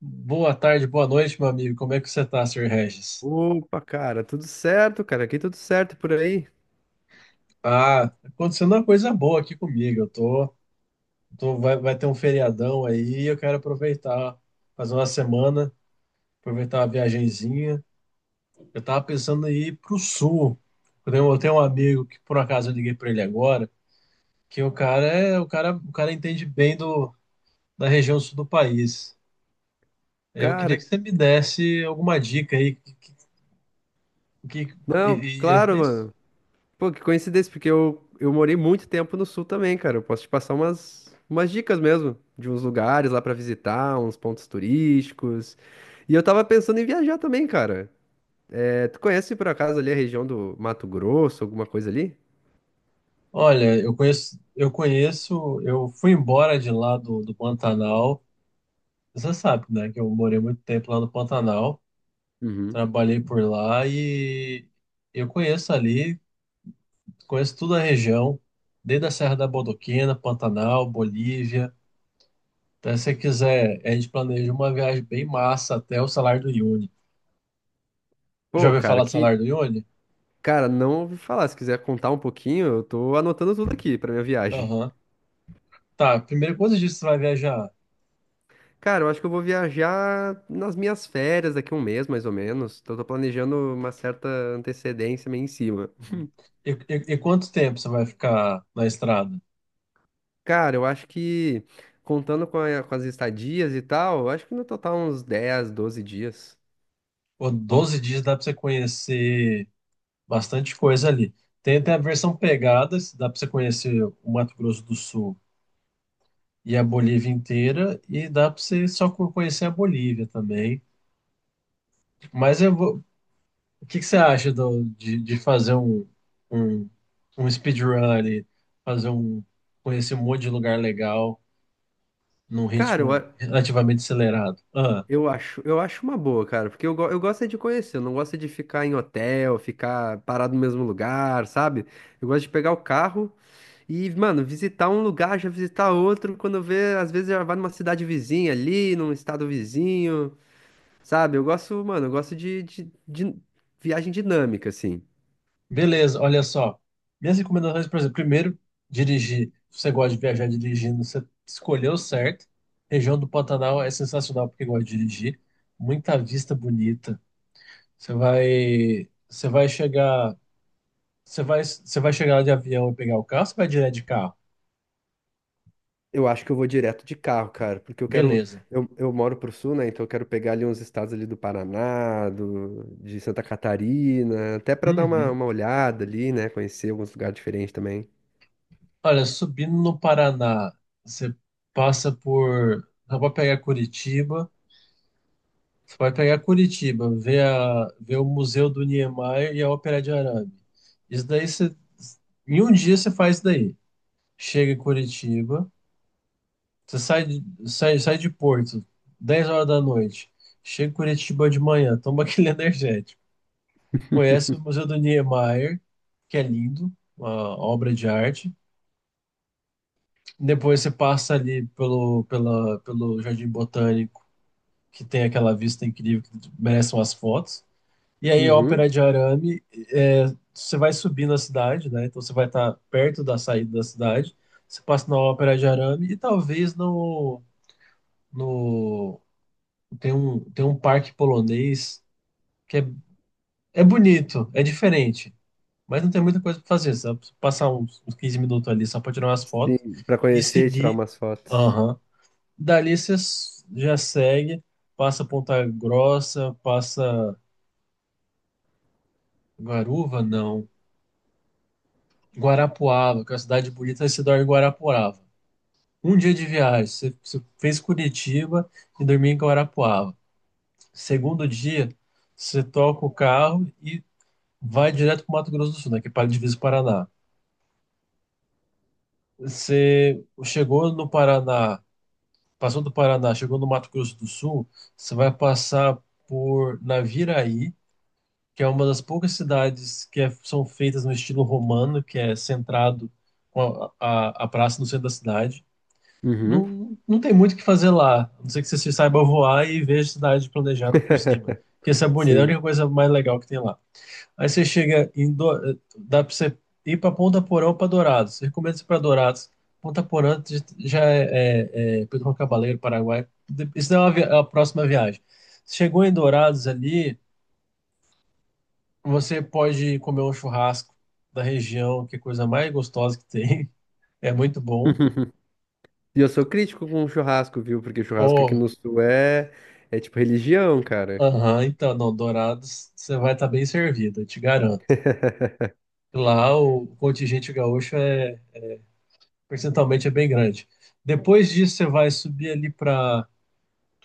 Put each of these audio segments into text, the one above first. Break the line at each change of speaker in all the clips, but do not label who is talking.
Boa tarde, boa noite, meu amigo. Como é que você tá, Sr. Regis?
Opa, cara, tudo certo, cara. Aqui tudo certo por aí.
Ah, tá acontecendo uma coisa boa aqui comigo. Vai ter um feriadão aí e eu quero aproveitar, fazer uma semana, aproveitar uma viagenzinha. Eu tava pensando em ir pro sul. Eu tenho um amigo que por acaso eu liguei para ele agora, que o cara é, o cara entende bem da região sul do país. Eu queria que
Cara,
você me desse alguma dica aí, que, que,
não,
e, e-
claro, mano. Pô, que coincidência, porque eu morei muito tempo no sul também, cara. Eu posso te passar umas dicas mesmo, de uns lugares lá pra visitar, uns pontos turísticos. E eu tava pensando em viajar também, cara. É, tu conhece por acaso ali a região do Mato Grosso, alguma coisa ali?
Olha, eu conheço, eu fui embora de lá do Pantanal. Você sabe, né, que eu morei muito tempo lá no Pantanal,
Uhum.
trabalhei por lá e eu conheço ali, conheço toda a região, desde a Serra da Bodoquena, Pantanal, Bolívia. Então, se você quiser, a gente planeja uma viagem bem massa até o Salário do Uyuni. Já
Pô,
ouviu
cara,
falar do
que.
Salário do Uyuni?
Cara, não ouvi falar. Se quiser contar um pouquinho, eu tô anotando tudo aqui pra minha viagem.
Aham. Tá, primeiro, quantos dias você vai viajar?
Cara, eu acho que eu vou viajar nas minhas férias daqui a um mês, mais ou menos. Então, eu tô planejando uma certa antecedência meio em cima.
Uhum. E quanto tempo você vai ficar na estrada?
Cara, eu acho que contando com, com as estadias e tal, eu acho que no total uns 10, 12 dias.
Pô, 12 dias dá pra você conhecer bastante coisa ali. Tem até a versão pegadas, dá pra você conhecer o Mato Grosso do Sul e a Bolívia inteira, e dá pra você só co- conhecer a Bolívia também. Mas eu vou... o que que você acha de fazer um, um speedrun ali, fazer um, conhecer um monte de lugar legal num
Cara,
ritmo relativamente acelerado? Ah.
eu acho uma boa, cara, porque eu gosto é de conhecer, eu não gosto é de ficar em hotel, ficar parado no mesmo lugar, sabe? Eu gosto de pegar o carro e, mano, visitar um lugar, já visitar outro, quando vê, às vezes já vai numa cidade vizinha ali, num estado vizinho. Sabe, eu gosto, mano, eu gosto de viagem dinâmica, assim.
Beleza, olha só. Minhas recomendações, por exemplo, primeiro, dirigir. Se você gosta de viajar dirigindo, você escolheu certo. Região do Pantanal é sensacional porque gosta de dirigir. Muita vista bonita. Você vai chegar, você vai chegar lá de avião e pegar o carro, você vai direto de carro.
Eu acho que eu vou direto de carro, cara, porque eu quero.
Beleza.
Eu moro pro sul, né? Então eu quero pegar ali uns estados ali do Paraná, de Santa Catarina, até pra dar uma,
Uhum.
uma olhada ali, né? Conhecer alguns lugares diferentes também.
Olha, subindo no Paraná, você passa por, dá pra pegar Curitiba. Você vai pegar Curitiba, ver o Museu do Niemeyer e a Ópera de Arame. Isso daí você, em um dia você faz isso daí. Chega em Curitiba, você sai de, sai, sai de Porto, 10 horas da noite. Chega em Curitiba de manhã, toma aquele energético. Conhece o Museu do Niemeyer, que é lindo, uma obra de arte. Depois você passa ali pelo Jardim Botânico, que tem aquela vista incrível, que merece umas fotos. E aí,
Uhum.
ópera de arame, é, você vai subir na cidade, né? Então você vai estar perto da saída da cidade. Você passa na ópera de arame e talvez no tem um parque polonês que é, é bonito, é diferente, mas não tem muita coisa para fazer. Você vai passar uns 15 minutos ali só para tirar umas fotos
Sim, pra
e
conhecer e tirar
seguir.
umas fotos.
Aham. Dali você s- já segue, passa Ponta Grossa, passa Guaruva, não. Guarapuava, que é uma cidade bonita, você dorme em Guarapuava. Um dia de viagem, você fez Curitiba e dormiu em Guarapuava. Segundo dia, você toca o carro e vai direto para o Mato Grosso do Sul, né, que é para a divisa do Paraná. Você chegou no Paraná, passou do Paraná, chegou no Mato Grosso do Sul, você vai passar por Naviraí, que é uma das poucas cidades que é- são feitas no estilo romano, que é centrado com a praça no centro da cidade.
Uhum.
Não tem muito o que fazer lá, a não ser que você se saiba voar e veja a cidade planejada por cima. Que essa é bonita é a
Sim.
única coisa mais legal que tem lá. Aí você chega em. Do... Dá pra você ir pra Ponta Porã ou pra Dourados. Eu recomendo você ir pra Dourados. Ponta Porã já é Pedro Juan Cabaleiro, Paraguai. Isso é uma vi- a próxima viagem. Chegou em Dourados ali, você pode comer um churrasco da região, que é a coisa mais gostosa que tem. É muito bom.
E eu sou crítico com churrasco, viu? Porque churrasco aqui no sul é tipo religião, cara.
Aham, então, não, Dourados, você vai estar bem servido, eu te garanto. Lá o contingente gaúcho percentualmente é bem grande. Depois disso, você vai subir ali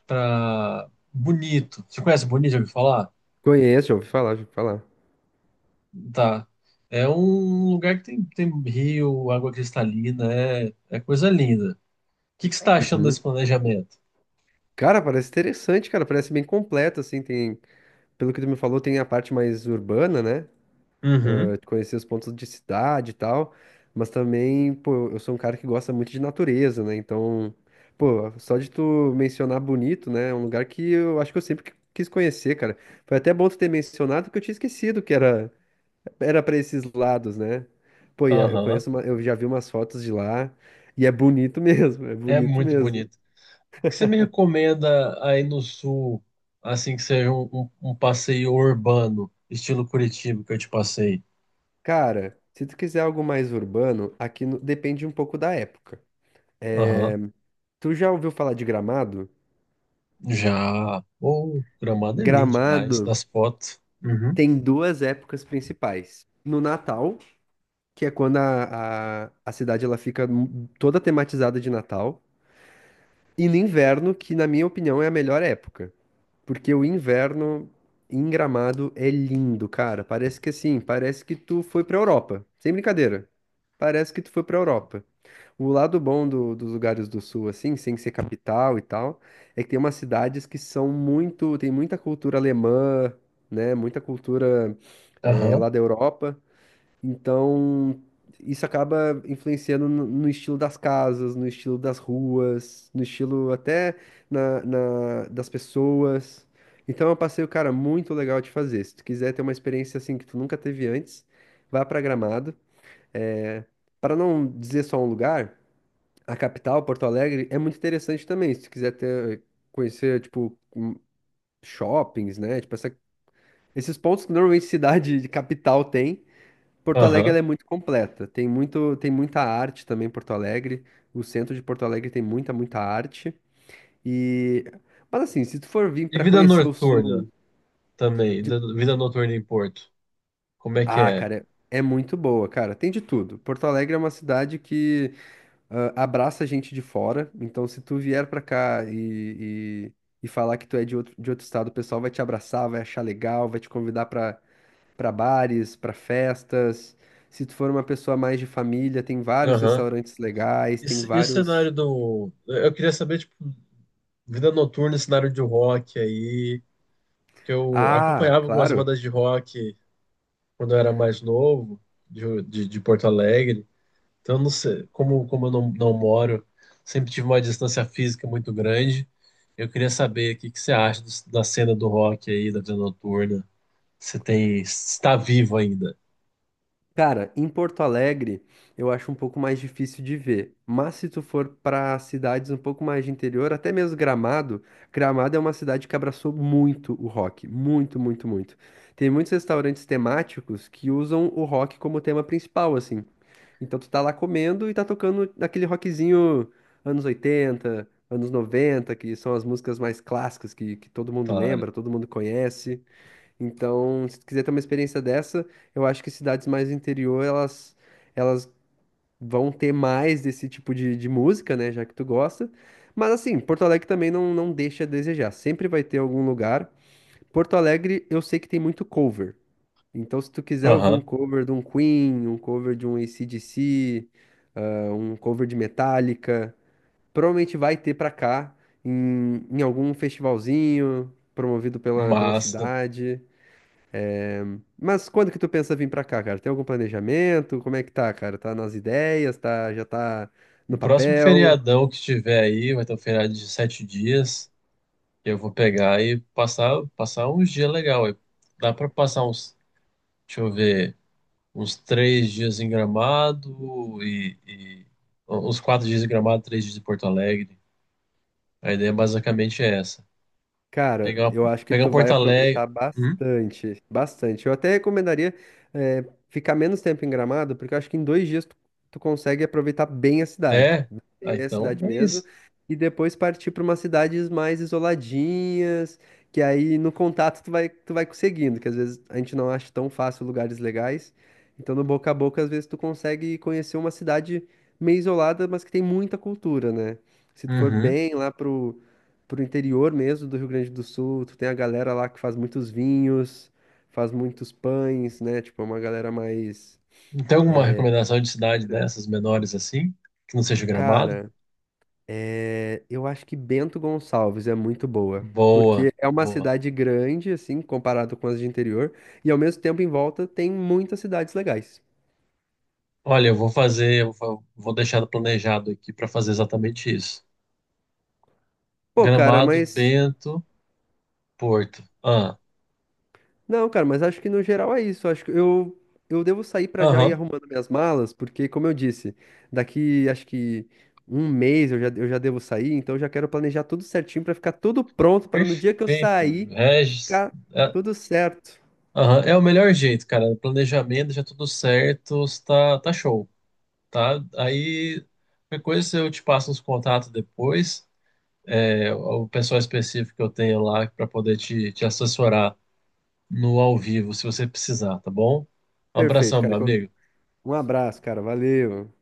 para Bonito. Você conhece Bonito, já ouviu falar?
Conheço, já ouvi falar, já ouvi falar.
Tá. É um lugar que tem rio, água cristalina, é, é coisa linda. O que você está achando desse
Uhum.
planejamento?
Cara, parece interessante, cara. Parece bem completo, assim. Tem, pelo que tu me falou, tem a parte mais urbana, né?
Uhum,
De conhecer os pontos de cidade e tal. Mas também, pô, eu sou um cara que gosta muito de natureza, né? Então, pô, só de tu mencionar Bonito, né? É um lugar que eu acho que eu sempre quis conhecer, cara. Foi até bom tu ter mencionado, que eu tinha esquecido que era para esses lados, né? Pô, eu
aham.
conheço, eu já vi umas fotos de lá e é bonito mesmo, é
É
bonito
muito
mesmo.
bonito. Que você me recomenda aí no sul, assim que seja um passeio urbano, estilo Curitiba que eu te passei?
Cara, se tu quiser algo mais urbano, aqui depende um pouco da época.
Aham.
Tu já ouviu falar de Gramado?
Já. Oh, Gramado é lindo demais,
Gramado
nas fotos. Uhum.
tem duas épocas principais. No Natal, que é quando a cidade ela fica toda tematizada de Natal, e no inverno, que na minha opinião é a melhor época. Porque o inverno em Gramado é lindo, cara. Parece que assim, parece que tu foi pra Europa. Sem brincadeira. Parece que tu foi pra Europa. O lado bom dos lugares do sul, assim, sem ser capital e tal, é que tem umas cidades que são muito, tem muita cultura alemã, né? Muita cultura
Aham.
lá da Europa. Então, isso acaba influenciando no estilo das casas, no estilo das ruas, no estilo até das pessoas. Então, é um passeio, cara, muito legal de fazer. Se tu quiser ter uma experiência assim que tu nunca teve antes, vá pra Gramado. É, para não dizer só um lugar, a capital, Porto Alegre, é muito interessante também. Se tu quiser ter, conhecer, tipo, shoppings, né? Tipo, esses pontos que normalmente cidade de capital tem. Porto Alegre
Aham.
ela é muito completa. Tem muito, tem muita arte também em Porto Alegre. O centro de Porto Alegre tem muita, muita arte. E mas assim, se tu for vir
E
para
vida
conhecer o
noturna
sul,
também,
de-
vida noturna em Porto. Como é que
ah,
é?
cara, é muito boa, cara. Tem de tudo. Porto Alegre é uma cidade que ah, abraça gente de fora. Então, se tu vier para cá e falar que tu é de outro estado, o pessoal vai te abraçar, vai achar legal, vai te convidar para bares, para festas. Se tu for uma pessoa mais de família, tem vários
Aham.
restaurantes legais,
E,
tem
c- e o
vários.
cenário do. Eu queria saber, tipo, vida noturna, cenário de rock aí, porque eu
Ah,
acompanhava algumas
claro.
bandas de rock quando eu era mais novo, de Porto Alegre. Então, eu não sei, como, como eu não moro, sempre tive uma distância física muito grande. Eu queria saber o que você acha da cena do rock aí, da vida noturna. Você tem, está vivo ainda,
Cara, em Porto Alegre eu acho um pouco mais difícil de ver, mas se tu for para cidades um pouco mais de interior, até mesmo Gramado, Gramado é uma cidade que abraçou muito o rock, muito, muito, muito. Tem muitos restaurantes temáticos que usam o rock como tema principal, assim. Então tu tá lá comendo e tá tocando aquele rockzinho anos 80, anos 90, que são as músicas mais clássicas que todo mundo
claro.
lembra, todo mundo conhece. Então, se tu quiser ter uma experiência dessa, eu acho que cidades mais do interior, elas vão ter mais desse tipo de música, né? Já que tu gosta. Mas assim, Porto Alegre também não deixa a desejar. Sempre vai ter algum lugar. Porto Alegre, eu sei que tem muito cover. Então, se tu quiser ouvir um
Aham,
cover de um Queen, um cover de um AC/DC, ah, um cover de Metallica, provavelmente vai ter pra cá, em algum festivalzinho promovido pela
massa.
cidade. Mas quando que tu pensa vir pra cá, cara? Tem algum planejamento? Como é que tá, cara? Tá nas ideias? Tá, já tá
O
no
próximo
papel?
feriadão que tiver aí, vai ter um feriado de sete dias. Eu vou pegar e passar, passar uns dias legal aí. Dá para passar uns, deixa eu ver, uns três dias em Gramado e uns quatro dias em Gramado, três dias em Porto Alegre. A ideia basicamente é essa.
Cara,
Pegar,
eu acho que
pegar um
tu vai
Porto Alegre.
aproveitar
Hum?
bastante, bastante. Eu até recomendaria ficar menos tempo em Gramado, porque eu acho que em 2 dias tu consegue aproveitar bem a cidade,
É?
né?
Ah,
bem a
então
cidade
é
mesmo,
isso.
e depois partir para umas cidades mais isoladinhas, que aí no contato tu vai conseguindo, que às vezes a gente não acha tão fácil lugares legais. Então no boca a boca, às vezes tu consegue conhecer uma cidade meio isolada, mas que tem muita cultura, né? Se tu for
Uhum.
bem lá pro interior mesmo do Rio Grande do Sul. Tu tem a galera lá que faz muitos vinhos, faz muitos pães, né? Tipo, é uma galera mais.
Tem alguma recomendação de cidade
Era-
dessas menores assim? Que não seja Gramado?
Cara, é, eu acho que Bento Gonçalves é muito boa.
Boa,
Porque é uma
boa.
cidade grande, assim, comparado com as de interior, e ao mesmo tempo em volta tem muitas cidades legais.
Olha, eu vou fazer, eu vou deixar planejado aqui para fazer exatamente isso.
Pô, cara,
Gramado, Bento, Porto. Ah,
Não, cara, mas acho que no geral é isso. Acho que eu devo sair pra já ir
aham,
arrumando minhas malas, porque, como eu disse, daqui acho que um mês eu já devo sair, então eu já quero planejar tudo certinho pra ficar tudo pronto para no dia que eu
perfeito.
sair
Regis,
ficar
é,
tudo certo.
aham, é o melhor jeito, cara. Planejamento, já tudo certo, tá, tá show, tá? Aí, qualquer coisa eu te passo os contatos depois, é, o pessoal específico que eu tenho lá para poder te assessorar no ao vivo, se você precisar, tá bom? Um
Perfeito,
abração, meu
cara.
amigo.
Um abraço, cara. Valeu.